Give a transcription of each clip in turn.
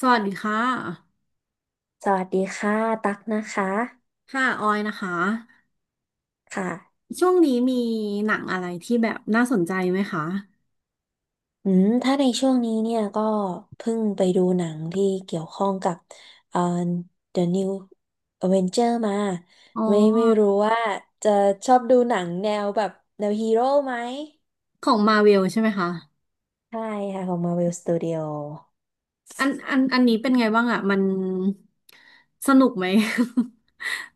สวัสดีค่ะ สวัสดีค่ะตักนะคะค่ะออยนะคะ ค่ะช่วงนี้มีหนังอะไรที่แบบน่าสนใจไหมคะ อืมถ้าในช่วงนี้เนี่ยก็เพิ่งไปดูหนังที่เกี่ยวข้องกับเอ่อ The New Avenger มาอ๋อ ไม่รู้ว่าจะชอบดูหนังแนวแบบแนวฮีโร่ไหมของมาเวลใช่ไหมคะใช่ค่ะของ Marvel Studio อันนี้เป็นไงบ้างอะ มันสนุกไหม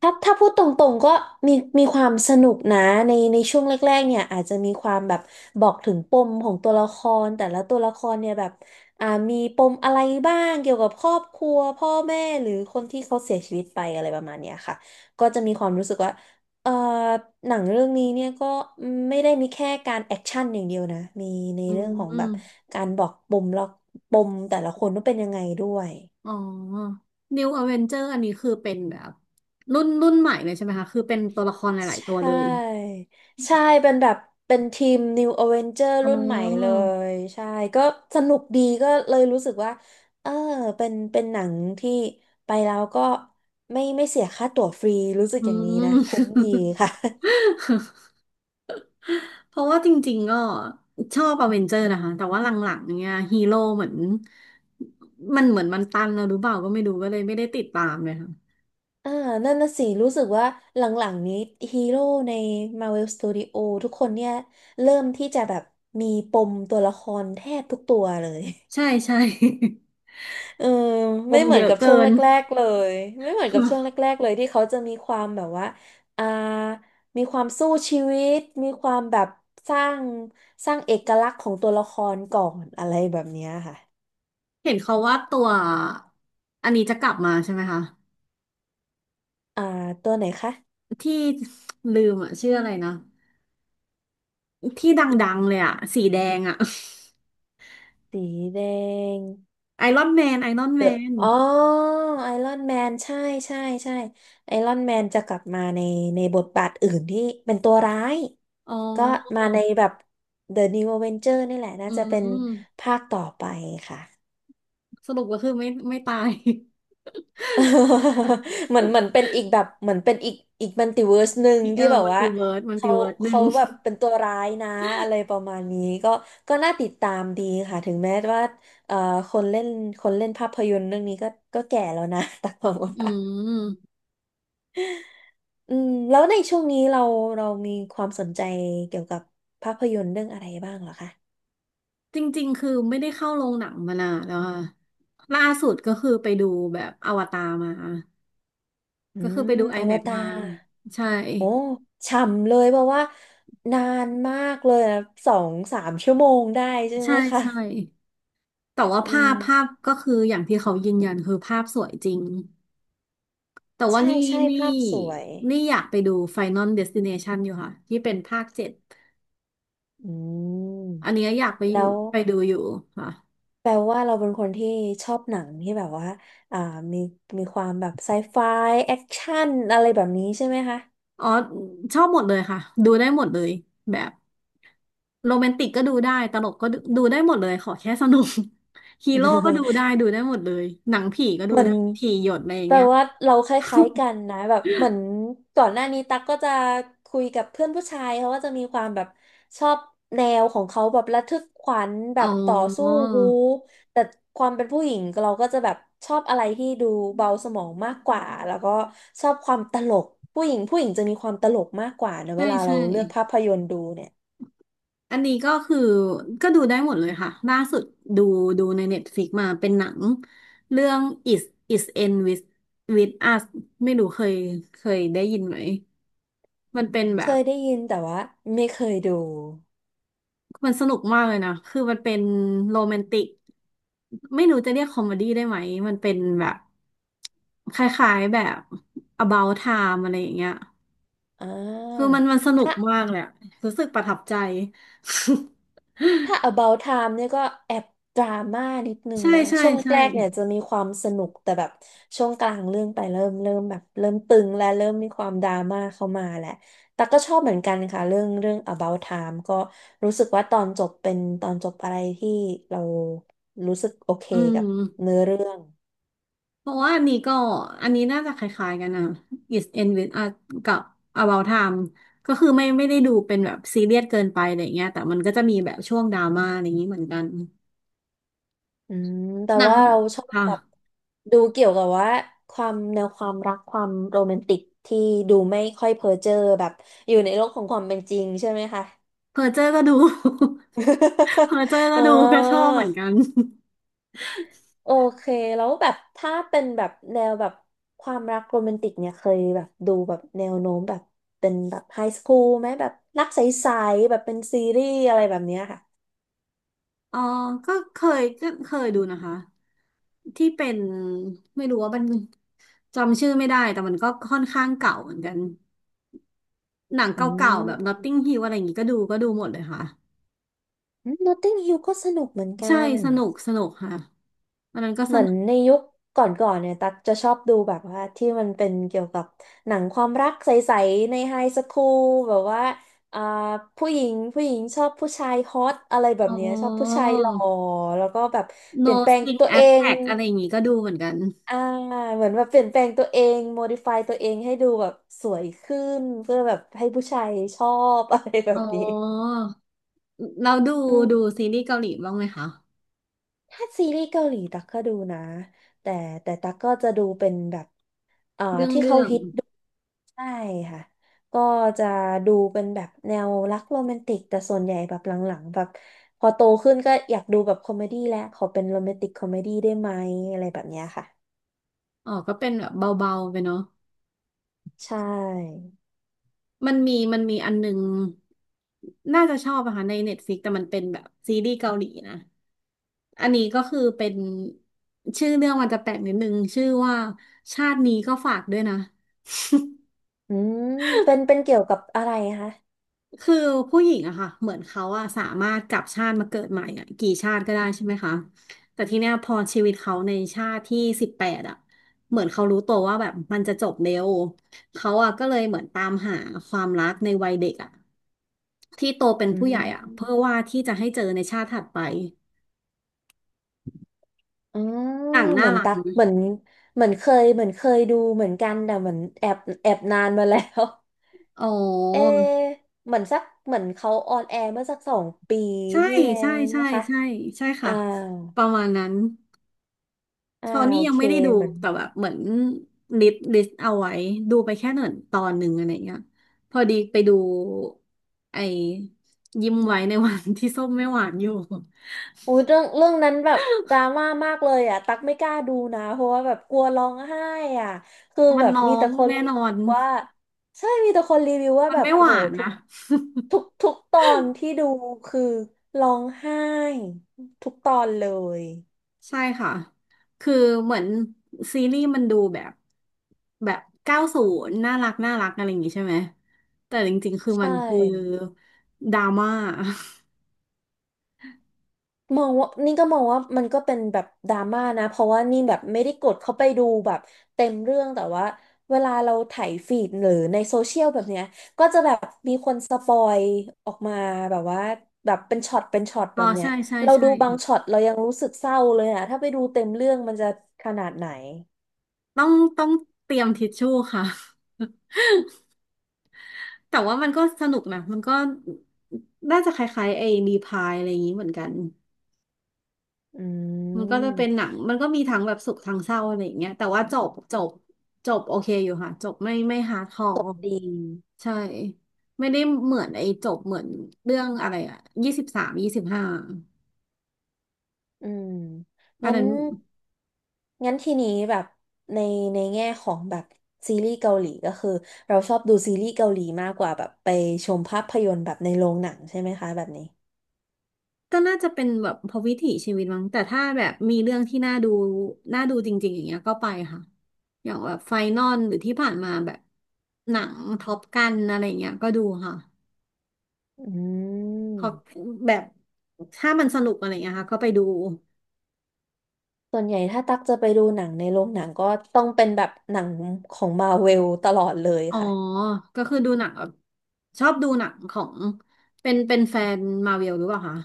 ถ้าพูดตรงๆก็มีมีความสนุกนะในช่วงแรกๆเนี่ยอาจจะมีความแบบบอกถึงปมของตัวละครแต่ละตัวละครเนี่ยแบบมีปมอะไรบ้างเกี่ยวกับครอบครัวพ่อแม่หรือคนที่เขาเสียชีวิตไปอะไรประมาณเนี้ยค่ะก็จะมีความรู้สึกว่าเอ่อหนังเรื่องนี้เนี่ยก็ไม่ได้มีแค่การแอคชั่นอย่างเดียวนะมีใน อืเรื่มองของอืแบมบการบอกปมแล้วปมแต่ละคนว่าเป็นยังไงด้วย อ๋อ New Avenger อันนี้คือเป็นแบบรุ่นใหม่เลยใช่ไหมคะ คือเป็นตัวละครหลายใชๆตัวเลย ่ใช่เป็นแบบเป็นทีม New Avenger อ๋อรุ่นใหม่เลยใช่ก็สนุกดีก็เลยรู้สึกว่าเออเป็นหนังที่ไปแล้วก็ไม่เสียค่าตั๋วฟรีรู้สึกอือย่างนี้นะม คุ้มดี ค่ะ เพราะว่าจริงๆก็ชอบอเวนเจอร์นะคะแต่ว่าหลังๆเนี่ยฮีโร่เหมือนมันตันแล้วหรือเปล่าก็ไม่รู้ก็เลยไม่ได้ติดตามเลยค่ะอ่านั่นน่ะสิรู้สึกว่าหลังๆนี้ฮีโร่ใน Marvel Studio ทุกคนเนี่ยเริ่มที่จะแบบมีปมตัวละครแทบทุกตัวเลย ใช่ใช่ เออ ปไม่มเหมืเยอนอะกับช่วเกิงนแรกๆเลยไม่เหมือนกับช่วงแรกๆเลยที่เขาจะมีความแบบว่าอ่ามีความสู้ชีวิตมีความแบบสร้างสร้างเอกลักษณ์ของตัวละครก่อนอะไรแบบเนี้ยค่ะเห็นเขาว่าตัวอันนี้จะกลับมาใช่ไหมคะอ่าตัวไหนคะที่ลืมอ่ะชื่ออะไรนะที่ดังๆเลยอ่ะสีแดงอ่ะสีแดงไอรอนแมนไอรอนเดแมอะนอ๋อไอรอนแมนใช่ใช่ใช่ไอรอนแมนจะกลับมาในบทบาทอื่นที่เป็นตัวร้ายอ๋ก็มาอในแบบ The New Avenger นี่แหละน่าอืจะเป็นมภาคต่อไปค่ะ สรุปก็คือไม่ตาย เหมือน เป็นอีกแบบเหมือนเป็นอีกอีกมัลติเวิร์สหนึ่งเออที่แบบมันว่าติเวิร์ดมันติเขาเวิร์ดหนึ่เขาง แบบเป็นตัวร้ายนะอะไรประมาณนี้ก็ก็น่าติดตามดีค่ะถึงแม้ว่าเอ่อคนเล่นคนเล่นภาพยนตร์เรื่องนี้ก็ก็แก่แล้วนะ แต่ผมอืว่ามอืมแล้วในช่วงนี้เรามีความสนใจเกี่ยวกับภาพยนตร์เรื่องอะไรบ้างเหรอคะจริงๆคือไม่ได้เข้าโรงหนังมานานแล้วค่ะล่าสุดก็คือไปดูแบบอวตารมาอืก็คือมไปดู อ IMAX วมกซ์ตามารใช่โอ้ฉ่ำเลยเพราะว่านานมากเลยนะสองสามชั่วโมงได้ใช่ไหใช่มคะ ใช่แต่ว่าอืภามพภาพก็คืออย่างที่เขายืนยันคือภาพสวยจริงแต่ว่าใช่ใช่นี่ภาพสวยนี่อยากไปดู Final Destination อลเดสติเนชันอยู่ค่ะที่เป็นภาค 7อืมอันเนี้ยอยากไปอแล้ยู่วไปดูอยู่ค่ะแปลว่าเราเป็นคนที่ชอบหนังที่แบบว่าอ่ามีมีความแบบไซไฟแอคชั่นอะไรแบบนี้ใช่ไหมคะ อ๋อชอบหมดเลยค่ะดูได้หมดเลยแบบ โรแมนติกก็ดูได้ ตลกก็ดูได้หมดเลย ขอแค่สนุก ฮีโร่ก็ดูได้ ดูได้หมดเลย หนังผีก็ดูเหมือได้นผีหยดอะไรอย่างแปลเงี้ย ว่าเราค ล้ายๆกันนะแบบเหมือนก่อนหน้านี้ตั๊กก็จะคุยกับเพื่อนผู้ชายเขาก็จะมีความแบบชอบแนวของเขาแบบระทึกขวัญแบอ๋อบต่อสู้บู๊แต่ความเป็นผู้หญิงเราก็จะแบบชอบอะไรที่ดูเบาสมองมากกว่าแล้วก็ชอบความตลกผู้หญิงผู้หญิงจะมีความตลกมากกว่านะเวใช่ลาเราใช่ เลือกภาพยนตร์ดูเนี่ยอันนี้ก็คือก็ดูได้หมดเลยค่ะล่าสุดดูดูใน Netflix มาเป็นหนังเรื่อง Is Is End With Us ไม่รู้เคยได้ยินไหมมันเป็นแบเคบ ยได้ยินแต่ว่าไม่เคยดูมันสนุกมากเลยนะคือมันเป็นโรแมนติก ไม่รู้จะเรียกคอมเมดี้ได้ไหม มันเป็นแบบคล้ายๆแบบ About Time อะไรอย่างเงี้ยอ่คือา มันสนุกมากเลยอะรู้สึกประทับใจ ถ้า About Time เนี่ยก็แอบดราม่านิดนึงใช่นะใช่ช่วงใช่แรกๆเนี่ยจะมีความสนุกแต่แบบช่วงกลางเรื่องไปเริ่มแบบเริ่มตึงและเริ่มมีความดราม่าเข้ามาแหละแต่ก็ชอบเหมือนกันค่ะเรื่อง About Time ก็รู้สึกว่าตอนจบเป็นตอนจบอะไรที่เรารู้สึกโอเคอืกับมเนื้อเรื่องเพราะว่าอันนี้น่าจะคล้ายๆกันนะ Is End With Us กับ About Time ก็คือไม่ได้ดูเป็นแบบซีเรียสเกินไปอะไรเงี้ยแต่มันก็จะมีแบบช่วงดราม่าอะไรอย่างนี้เหมือนกันอืมแต่หนังว่าเราชอบค่ะ แบบดูเกี่ยวกับว่าความแนวความรักความโรแมนติกที่ดูไม่ค่อยเพ้อเจ้อแบบอยู่ในโลกของความเป็นจริงใช่ไหมคะ เพอเจอร์ก็ดู เพอ เจอร์ก็อ๋อดูก็ชอบเหมือนกัน โอเคแล้วแบบถ้าเป็นแบบแนวแบบความรักโรแมนติกเนี่ยเคยแบบดูแบบแนวโน้มแบบเป็นแบบไฮสคูลไหมแบบรักใสๆแบบเป็นซีรีส์อะไรแบบเนี้ยค่ะเออก็เคยดูนะคะที่เป็นไม่รู้ว่ามันจำชื่อไม่ได้แต่มันก็ค่อนข้างเก่าเหมือนกันหนังอืเก่าๆแบบ ม Notting Hill อะไรอย่างงี้ก็ดูหมดเลยค่ะนอตติงฮิลก็สนุกเหมือนใช่กัน สนุกสนุกค่ะอันนั้นก็เหสมือนนุกในยุคก่อนๆเนี่ยตักจะชอบดูแบบว่าที่มันเป็นเกี่ยวกับหนังความรักใสๆในไฮสคูลแบบว่าอ่าผู้หญิงผู้หญิงชอบผู้ชายฮอตอะไรแบบอ๋อ เนี้ยชอบผู้ชายหล่อแล้วก็แบบเป No ลี่ยนแปลง String ตัวเอง Attack อะไรอย่างงี้ก็ดูเหมือนกันอ่าเหมือนแบบเปลี่ยนแปลงตัวเองโมดิฟายตัวเองให้ดูแบบสวยขึ้นเพื่อแบบให้ผู้ชายชอบ อะไรแบอ๋อบนี้เราดูอืมดูซีรีส์เกาหลีบ้างไหมคะถ้าซีรีส์เกาหลีตักก็ดูนะแต่แต่ตักก็จะดูเป็นแบบอ่าเรื่องที่เรื่เขาอง ฮิต ใช่ค่ะ ก็จะดูเป็นแบบแนวรักโรแมนติกแต่ส่วนใหญ่แบบหลังๆแบบพอโตขึ้นก็อยากดูแบบคอมเมดี้แล้วขอเป็นโรแมนติกคอมเมดี้ได้ไหมอะไรแบบเนี้ยค่ะอ๋อก็เป็นแบบเบาๆไปเนาะใช่ มันมีอันนึงน่าจะชอบอะค่ะในเน็ตฟ i ิกแต่มันเป็นแบบซีรีส์เกาหลีนะ อันนี้ก็คือเป็นชื่อเรื่องมันจะแปลกนิดนึงชื่อว่าชาตินี้ก็ฝากด้วยนะ อืมเป็นเกี่ยวกับอะไรคะคือผู้หญิงอะค่ะ เหมือนเขาอะสามารถกลับชาติมาเกิดใหม่อะกี่ชาติก็ได้ใช่ไหมคะ แต่ทีเนี้ยพอชีวิตเขาในชาติที่18อะ เหมือนเขารู้ตัวว่าแบบมันจะจบเร็วเขาอะก็เลยเหมือนตามหาความรักในวัยเด็กอะ ที่โตเป็นอืผู้ใหญ่มอะเพื่อว่าที่จะให้เจอในชาติถัดไปอ๋อต่างเหน่ามือนรักตัไหกมั้ยเหมือนเหมือนเคยเคยดูเหมือนกันแต่เหมือนแอบนานมาแล้ว อ๋อ เอเหมือนสักเหมือนเขาออนแอร์เมื่อสัก2 ปีใช่ที่แล้ใช่วไหมใช่คะใช่ใช่อ่า ค่ะประมาณนั้นอ่าตอนนี้โอยังเคไม่ได้ดูเหมือนแต่แบบเหมือนลิสต์เอาไว้ดูไปแค่หนึ่งตอนหนึ่งอะไรเงี้ยพอดีไปดูไอ้ยิ้มไว้ในวันที่ส้มไม่หวานอยู่โอ้ยเรื่องนั้นแบบดราม่ามากเลยอ่ะตักไม่กล้าดูนะเพราะว่าแบบกลัวร้องไห้อ่ะคือมันแบบร้อมีแต่งคนแน่รีนอวิวนว่าใช่มีแต่คนรีวิวว่ามันแบบไม่หโอ้โหวานทุกนะ ทุกทุกตอนที่ดูคือร้องไห้ทุกตอนเลยใช่ค่ะ คือเหมือนซีรีส์มันดูแบบ90น่ารักน่ารักอะไรอย่างงี้ใช่ไหม แต่จริงๆคือใชมันคือ่ ดราม่า มองว่านี่ก็มองว่ามันก็เป็นแบบดราม่านะเพราะว่านี่แบบไม่ได้กดเข้าไปดูแบบเต็มเรื่องแต่ว่าเวลาเราไถายฟีดหรือในโซเชียลแบบเนี้ยก็จะแบบมีคนสปอยออกมาแบบว่าแบบเป็นช็อตเป็นช็อต อ๋แบอบเนี้ยใช่ใช่เราใช่ดูบางช็อตเรายังรู้สึกเศร้าเลยอะถ้าไปดูเต็มเรื่องมันจะขนาดไหนต้องต้องเตรียมทิชชู่ค่ะ แต่ว่ามันก็สนุกนะ มันก็น่าจะคล้ายๆไอ้รีพายอะไรอย่างงี้เหมือนกัน อืมันก็จะเป็นหมนังมันก็มีทั้งแบบสุขทั้งเศร้าอะไรอย่างเงี้ยแต่ว่าจบโอเคอยู่ค่ะจบไม่ฮาร์ดคอจบร์ดี ใช่ไม่ได้เหมือนไอ้จบเหมือนเรื่องอะไรอะ2325อืมอันงั้นนั้นงั้นทีนี้แบบในในแง่ของแบบซีรีส์เกาหลีก็คือเราชอบดูซีรีส์เกาหลีมากกว่าแบบไปชมภาพยนตร์แบบในโรงหนังใช่ไหมคะแบบนี้ก็น่าจะเป็นแบบพอวิถีชีวิตมั้งแต่ถ้าแบบมีเรื่องที่น่าดูจริงๆอย่างเงี้ยก็ไปค่ะอย่างแบบไฟนอลหรือที่ผ่านมาแบบหนังท็อปกันอะไรอย่างเงี้ยก็ดูค่ะอืขมอแบบถ้ามันสนุกอะไรอย่างเงี้ยค่ะก็ไปดู ส่วนใหญ่ถ้าตักจะไปดูหนังในโรงหนังก็ต้องเป็นแบบหนังของมาเวลตลอดเลยอ๋อ ค่ะก็คือดูหนังแบบชอบดูหนังของเป็นแฟนมาเวลหรือเปล่าคะ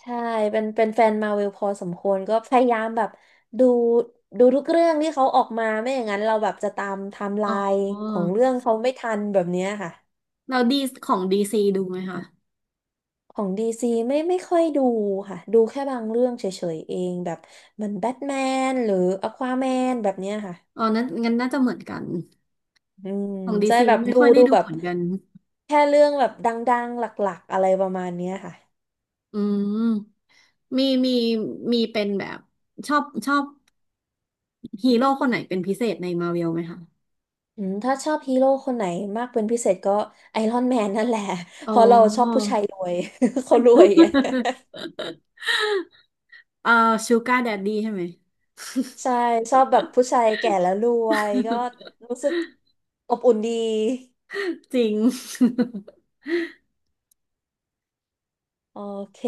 ใช่ เป็นแฟนมาเวลพอสมควรก็พยายามแบบดูดูทุกเรื่องที่เขาออกมาไม่อย่างนั้นเราแบบจะตามไทม์ไลอ๋อน์ของเรื่องเขาไม่ทันแบบเนี้ยค่ะ เราดีของดีซีดูไหมคะของดีซีไม่ค่อยดูค่ะดูแค่บางเรื่องเฉยๆเองแบบเหมันแบทแมนหรืออควาแมนแบบเนี้ยค่ะอ๋อนั้นงั้นน่าจะเหมือนกันอืมของดีใช่ซีแบบไม่ดูค่อยได้ดูดูแบเหบมือนกันแค่เรื่องแบบดังๆหลักๆอะไรประมาณเนี้ยค่ะอืมมีมีมีเป็นแบบชอบฮีโร่คนไหนเป็นพิเศษในมาเวลไหมคะอืมถ้าชอบฮีโร่คนไหนมากเป็นพิเศษก็ไอรอนแมนนั่นแหละ อ๋เพอ ราะเราชอบผู้ชายรวย เขารวยไง เอ่อชูการ์แดดดี้ใช่ไหม ใช่ชอบแบบผู้ชายแก่แล้วรวยก็ รู้สึกอบอุ่นดีจริง โอเค